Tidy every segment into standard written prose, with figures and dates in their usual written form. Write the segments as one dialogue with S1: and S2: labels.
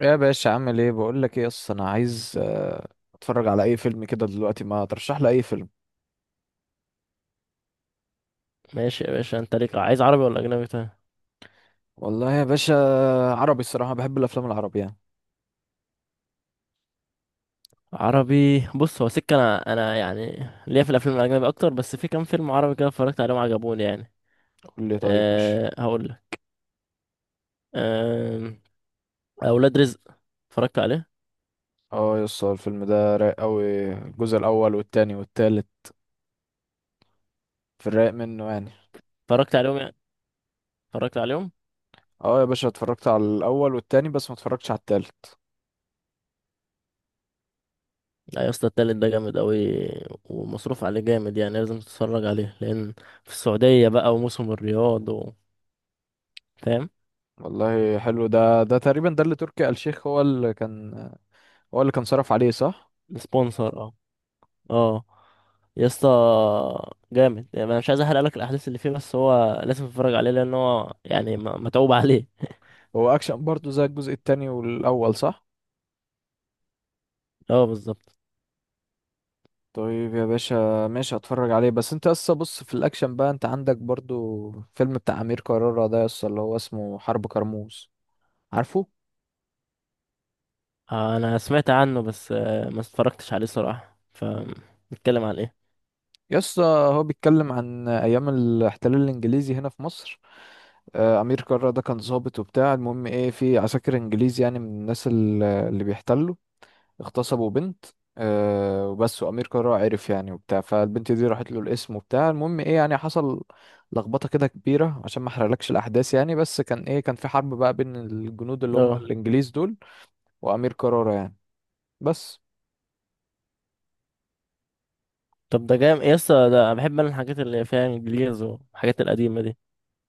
S1: يا باشا عامل ايه؟ بقول لك ايه، اصلا انا عايز اتفرج على اي فيلم كده دلوقتي. ما ترشح لي اي فيلم.
S2: ماشي يا باشا، انت ليك عايز عربي ولا اجنبي؟ طيب
S1: والله يا باشا، عربي الصراحه، بحب الافلام العربي يعني.
S2: عربي. بص، هو سكه انا يعني ليا في الافلام الاجنبي اكتر، بس في كام فيلم عربي كده اتفرجت عليهم عجبوني يعني.
S1: قول لي، طيب ماشي.
S2: أه هقول لك. أه، اولاد رزق. اتفرجت عليه.
S1: اه يس، هو الفيلم ده رايق قوي، الجزء الاول والتاني والتالت، في الرايق منه يعني.
S2: اتفرجت عليهم يعني، اتفرجت عليهم.
S1: اه يا باشا، اتفرجت على الاول والتاني بس ما اتفرجتش على التالت.
S2: لا يا اسطى، التالت ده جامد قوي ومصروف عليه جامد، يعني لازم تتفرج عليه. لان في السعوديه بقى وموسم الرياض و... فاهم؟
S1: والله حلو ده، ده تقريبا ده اللي تركي آل الشيخ هو اللي كان، هو اللي كان صرف عليه صح؟
S2: سبونسر، اه. اه يا اسطى، جامد يعني. انا مش عايز احرق لك الاحداث اللي فيه، بس هو لازم تتفرج عليه لان هو يعني متعوب عليه.
S1: هو اكشن برضه زي الجزء التاني والاول صح؟
S2: اه بالظبط.
S1: طيب يا باشا ماشي، هتفرج عليه. بس انت اصلا بص، في الاكشن بقى انت عندك برضو فيلم بتاع امير كرارة ده يسطا، اللي هو اسمه حرب كرموز، عارفه؟
S2: انا سمعت عنه، بس ما اتفرجتش عليه صراحه. فنتكلم عن ايه؟
S1: يسطا، هو بيتكلم عن ايام الاحتلال الانجليزي هنا في مصر. امير كرارة ده كان ضابط وبتاع، المهم ايه، في عساكر انجليز، يعني من الناس اللي بيحتلوا اغتصبوا بنت. آه وبس، وأمير كرارة عرف يعني وبتاع، فالبنت دي راحت له، الاسم وبتاع، المهم ايه، يعني حصل لخبطة كده كبيرة، عشان ما احرقلكش الأحداث يعني. بس كان ايه، كان في حرب بقى بين الجنود اللي هم
S2: اه.
S1: الإنجليز دول وأمير كرارة يعني. بس
S2: طب ده جامد يا اسطى، ده أنا بحب الحاجات اللي فيها انجليز والحاجات القديمه دي.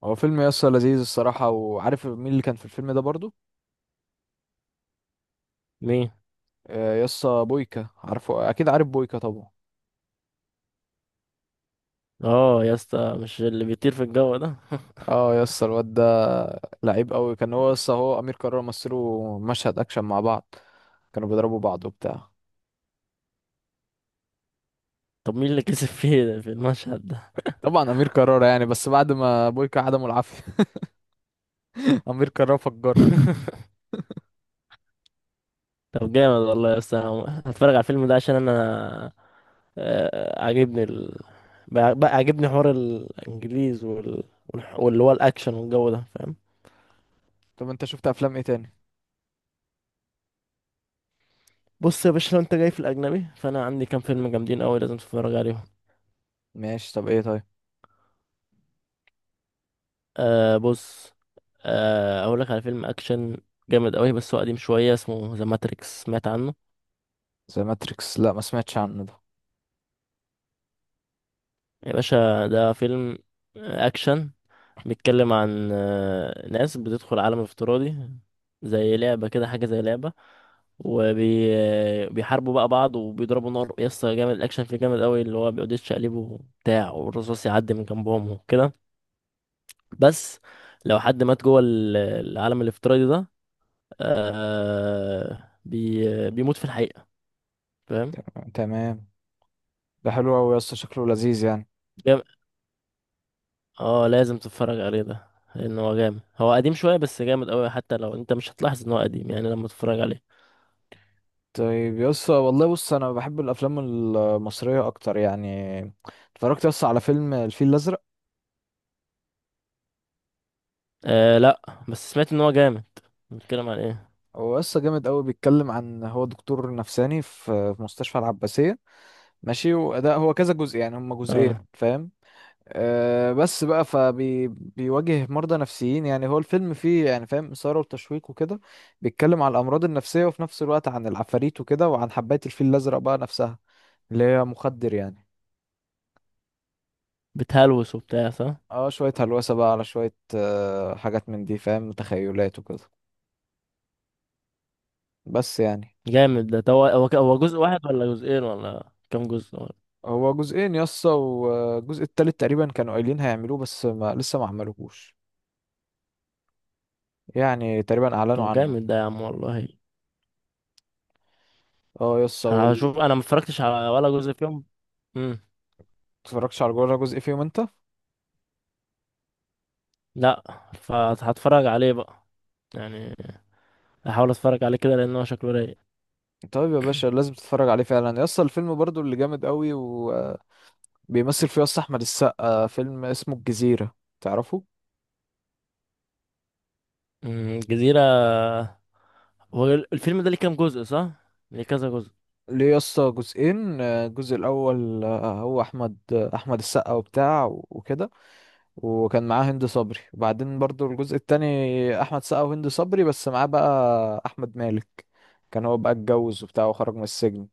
S1: هو فيلم يسا لذيذ الصراحة. وعارف مين اللي كان في الفيلم ده برضو؟
S2: مين؟
S1: آه يسا بويكا، عارفه أكيد، عارف بويكا طبعا.
S2: اه يا اسطى، مش اللي بيطير في الجو ده؟
S1: اه يسا الواد ده لعيب قوي كان، هو يسا هو أمير كرارة مثلوا مشهد أكشن مع بعض، كانوا بيضربوا بعض وبتاع.
S2: طب مين اللي كسب فيه ده في المشهد ده؟
S1: طبعا امير كرارة يعني، بس بعد ما بويكا عدمه العافيه امير كرارة فجره.
S2: طب جامد والله يا اسطى، أنا هتفرج على الفيلم ده عشان انا، عاجبني ال... بقى عاجبني حوار الانجليز وال... واللي هو الاكشن والجو ده، فاهم؟
S1: طب انت شفت افلام ايه تاني؟
S2: بص يا باشا، لو انت جاي في الاجنبي فانا عندي كام فيلم جامدين قوي لازم تتفرج عليهم.
S1: ماشي، طب ايه طيب؟
S2: آه بص، آه اقول لك على فيلم اكشن جامد قوي بس هو قديم شويه، اسمه ذا ماتريكس. سمعت عنه؟
S1: زي ماتريكس؟ لا ما سمعتش عنه ده.
S2: يا باشا، ده فيلم اكشن بيتكلم عن ناس بتدخل عالم افتراضي زي لعبة كده، حاجة زي لعبة. وبيحاربوا بقى بعض وبيضربوا نار. يسطا جامد، الأكشن فيه جامد قوي، اللي هو بيقعد يتشقلب وبتاع والرصاص يعدي من جنبهم وكده. بس لو حد مات جوه العالم الافتراضي ده، آه بيموت في الحقيقة، فاهم؟
S1: تمام تمام. ده حلو قوي يا اسطى، شكله لذيذ يعني.
S2: جام- اه لازم تتفرج عليه ده، لأن هو جامد. هو قديم شوية بس جامد قوي، حتى لو انت مش هتلاحظ ان هو قديم يعني لما تتفرج عليه.
S1: طيب يا اسطى والله بص انا بحب الافلام المصريه اكتر يعني. اتفرجت يا اسطى على فيلم الفيل الازرق؟
S2: آه لا، بس سمعت ان هو جامد. بيتكلم عن ايه؟
S1: هو يا اسطى جامد قوي. بيتكلم عن هو دكتور نفساني في مستشفى العباسيه، ماشي. وده هو كذا جزء، يعني هما جزئين
S2: اه
S1: فاهم. بس بقى فبيواجه مرضى نفسيين، يعني هو الفيلم فيه يعني فاهم إثارة وتشويق وكده. بيتكلم عن الأمراض النفسية وفي نفس الوقت عن العفاريت وكده، وعن حباية الفيل الأزرق بقى نفسها، اللي هي مخدر يعني.
S2: بتهلوس وبتاع، صح؟
S1: اه شوية هلوسة بقى على شوية حاجات من دي فاهم، تخيلات وكده. بس يعني.
S2: جامد ده. طب هو هو هو جزء واحد ولا جزئين ولا كام جزء ولا؟
S1: هو جزئين يسطا، والجزء التالت تقريبا كانوا قايلين هيعملوه بس ما لسه ما عملوهوش، يعني تقريبا أعلنوا
S2: طب
S1: عنه.
S2: جامد ده يا عم والله.
S1: اه يسطا
S2: انا هشوف، انا ما اتفرجتش على ولا جزء فيهم. امم.
S1: متفرجتش على جوه جزء فيهم انت؟
S2: لا. فهتفرج عليه بقى يعني، هحاول اتفرج عليه كده لان هو شكله رايق.
S1: طيب يا باشا لازم تتفرج عليه فعلا. يسطا الفيلم برضو اللي جامد قوي وبيمثل فيه يسطا احمد السقا، فيلم اسمه الجزيرة، تعرفه؟
S2: امم، الجزيرة. هو الفيلم ده ليه كام جزء، صح؟ ليه كذا جزء.
S1: ليه يسطا جزئين. الجزء الاول، آه، هو احمد آه، احمد السقا وبتاع وكده، وكان معاه هند صبري. وبعدين برضو الجزء التاني، احمد السقا وهند صبري بس معاه بقى احمد مالك، كان هو بقى اتجوز وبتاع وخرج من السجن.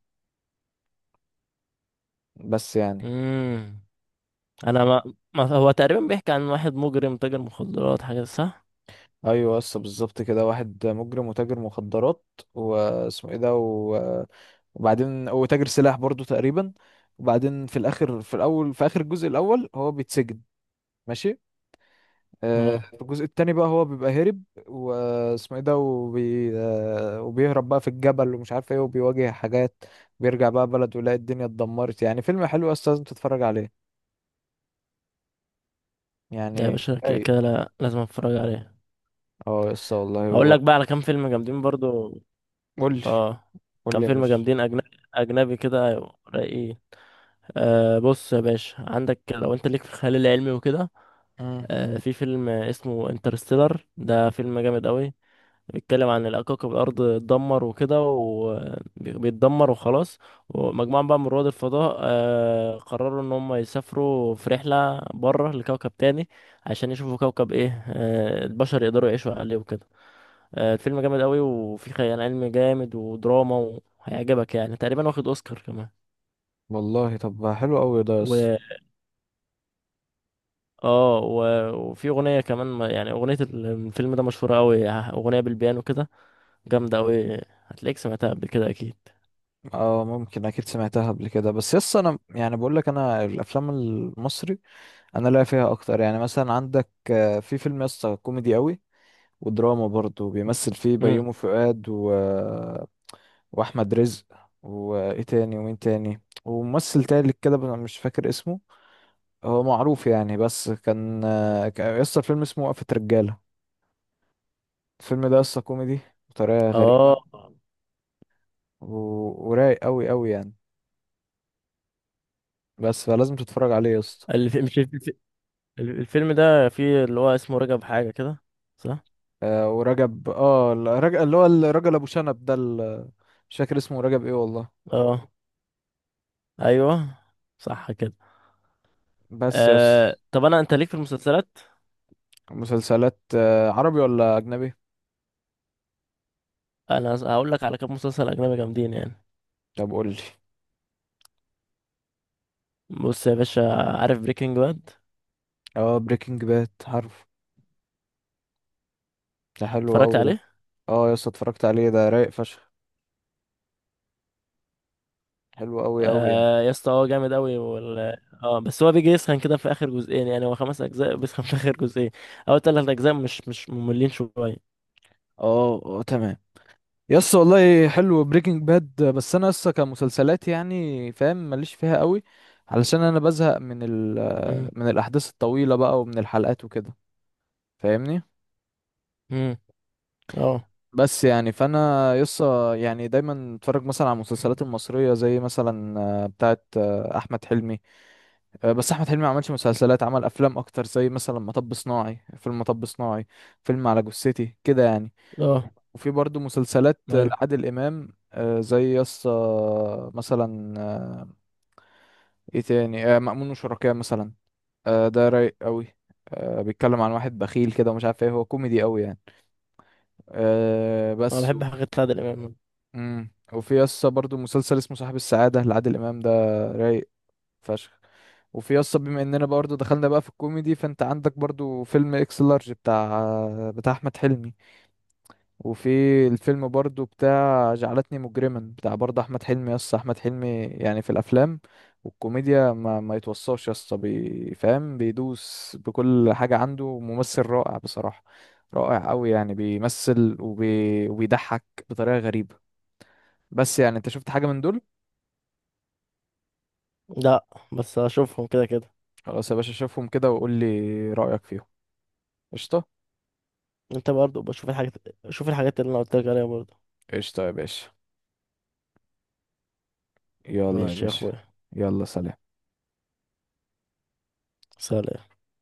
S1: بس يعني.
S2: امم، انا ما... ما هو تقريبا بيحكي عن واحد مجرم تاجر مخدرات حاجة، صح؟
S1: ايوه بس بالظبط كده، واحد مجرم وتاجر مخدرات، واسمه ايه ده و... وبعدين وتاجر سلاح برضو تقريبا. وبعدين في الاخر، في الاول، في اخر الجزء الاول هو بيتسجن، ماشي.
S2: اه.
S1: في الجزء التاني بقى هو بيبقى هرب، واسمه ايه ده، وبيهرب بقى في الجبل ومش عارف ايه، وبيواجه حاجات. بيرجع بقى بلده يلاقي الدنيا اتدمرت، يعني فيلم حلو بس لازم تتفرج عليه
S2: ده يا
S1: يعني
S2: باشا كده
S1: اي.
S2: كده لازم اتفرج عليه.
S1: اه يس والله
S2: هقول
S1: هو.
S2: لك بقى على كام فيلم جامدين برضو.
S1: قول لي،
S2: اه.
S1: قول
S2: كام
S1: لي يا
S2: فيلم
S1: باشا.
S2: جامدين اجنبي، اجنبي كده، أيوة، رايقين. آه بص يا باشا، عندك لو انت ليك في الخيال العلمي وكده،
S1: مم.
S2: آه في فيلم اسمه انترستيلر، ده فيلم جامد قوي. بيتكلم عن إن كوكب الأرض اتدمر وكده وبيتدمر وخلاص، ومجموعة بقى من رواد الفضاء قرروا إن هم يسافروا في رحلة بره لكوكب تاني عشان يشوفوا كوكب إيه البشر يقدروا يعيشوا عليه وكده. الفيلم جامد قوي وفيه خيال علمي جامد ودراما، وهيعجبك يعني. تقريبا واخد أوسكار كمان.
S1: والله طب حلو قوي ده يس.
S2: و، اه و... وفي أغنية كمان يعني أغنية الفيلم ده مشهورة قوي، أغنية بالبيانو كده، جامدة قوي. هتلاقيك سمعتها قبل كده أكيد.
S1: اه ممكن، اكيد سمعتها قبل كده. بس يس انا يعني بقول لك، انا الافلام المصري انا لاقي فيها اكتر يعني. مثلا عندك في فيلم يس كوميدي قوي ودراما برضه، بيمثل فيه بيومي فؤاد و... واحمد رزق، وايه تاني، ومين تاني، وممثل تالت كده بس أنا مش فاكر اسمه، هو معروف يعني. بس كان يس الفيلم اسمه وقفة رجالة. الفيلم ده يس كوميدي بطريقة
S2: اه.
S1: غريبة و... ورايق قوي قوي يعني. بس فلازم تتفرج عليه يا اسطى.
S2: الف... مش الف... الف- الفيلم ده فيه اللي هو اسمه رجب حاجة كده، صح؟
S1: آه ورجب، اه الرجل اللي هو الراجل ابو شنب ده مش فاكر اسمه رجب ايه والله.
S2: اه ايوه، صح كده.
S1: بس يا اسطى.
S2: آه... طب انا، انت ليك في المسلسلات؟
S1: مسلسلات آه، عربي ولا اجنبي؟
S2: انا هقول لك على كام مسلسل اجنبي جامدين يعني.
S1: طب قول لي.
S2: بص يا باشا، عارف بريكنج باد؟
S1: اه بريكنج باد عارف، ده حلو
S2: اتفرجت
S1: قوي ده.
S2: عليه؟
S1: اه يا اسطى اتفرجت عليه، ده رايق فشخ، حلو قوي قوي يعني.
S2: آه يا اسطى، هو جامد قوي وال... اه بس هو بيجي يسخن كده في اخر جزئين، يعني هو 5 اجزاء بيسخن في اخر جزئين. اول 3 اجزاء مش، مش مملين شويه.
S1: اه اه تمام. يا اسطى والله حلو بريكنج باد، بس انا لسه كمسلسلات يعني فاهم ماليش فيها قوي، علشان انا بزهق من ال
S2: امم.
S1: من الاحداث الطويله بقى ومن الحلقات وكده، فاهمني؟
S2: امم. اه.
S1: بس يعني، فانا يسا يعني دايما اتفرج مثلا على المسلسلات المصريه، زي مثلا آه، بتاعه آه، احمد حلمي. بس احمد حلمي ما عملش مسلسلات، عمل افلام اكتر، زي مثلا مطب صناعي، فيلم مطب صناعي، فيلم على جثتي كده يعني.
S2: اه
S1: وفي برضو مسلسلات
S2: ايوه،
S1: لعادل امام، زي يسا مثلا ايه تاني، مأمون وشركاه مثلا، ده رايق قوي. بيتكلم عن واحد بخيل كده ومش عارف ايه، هو كوميدي قوي يعني. آه،
S2: انا
S1: بس
S2: بحب حاجات عادل امام.
S1: امم. وفي يسطا برضو مسلسل اسمه صاحب السعادة لعادل إمام، ده رايق فشخ. وفي يسطا، بما اننا برضو دخلنا بقى في الكوميدي، فانت عندك برضو فيلم اكس لارج بتاع بتاع احمد حلمي. وفي الفيلم برضو بتاع جعلتني مجرما، بتاع برضو احمد حلمي. يسطا احمد حلمي يعني في الافلام والكوميديا ما يتوصاش يسطا، فاهم بيدوس بكل حاجة، عنده ممثل رائع بصراحة، رائع قوي يعني. بيمثل وبيضحك بطريقة غريبة. بس يعني. انت شفت حاجة من دول؟
S2: لا بس اشوفهم كده كده.
S1: خلاص يا باشا، شوفهم كده وقول لي رأيك فيهم. قشطة.
S2: انت برضو بشوف الحاجات، شوف الحاجات اللي انا قلت لك عليها برضو.
S1: قشطة يا باشا. يلا يا
S2: ماشي يا
S1: باشا.
S2: اخويا.
S1: يلا سلام.
S2: سلام.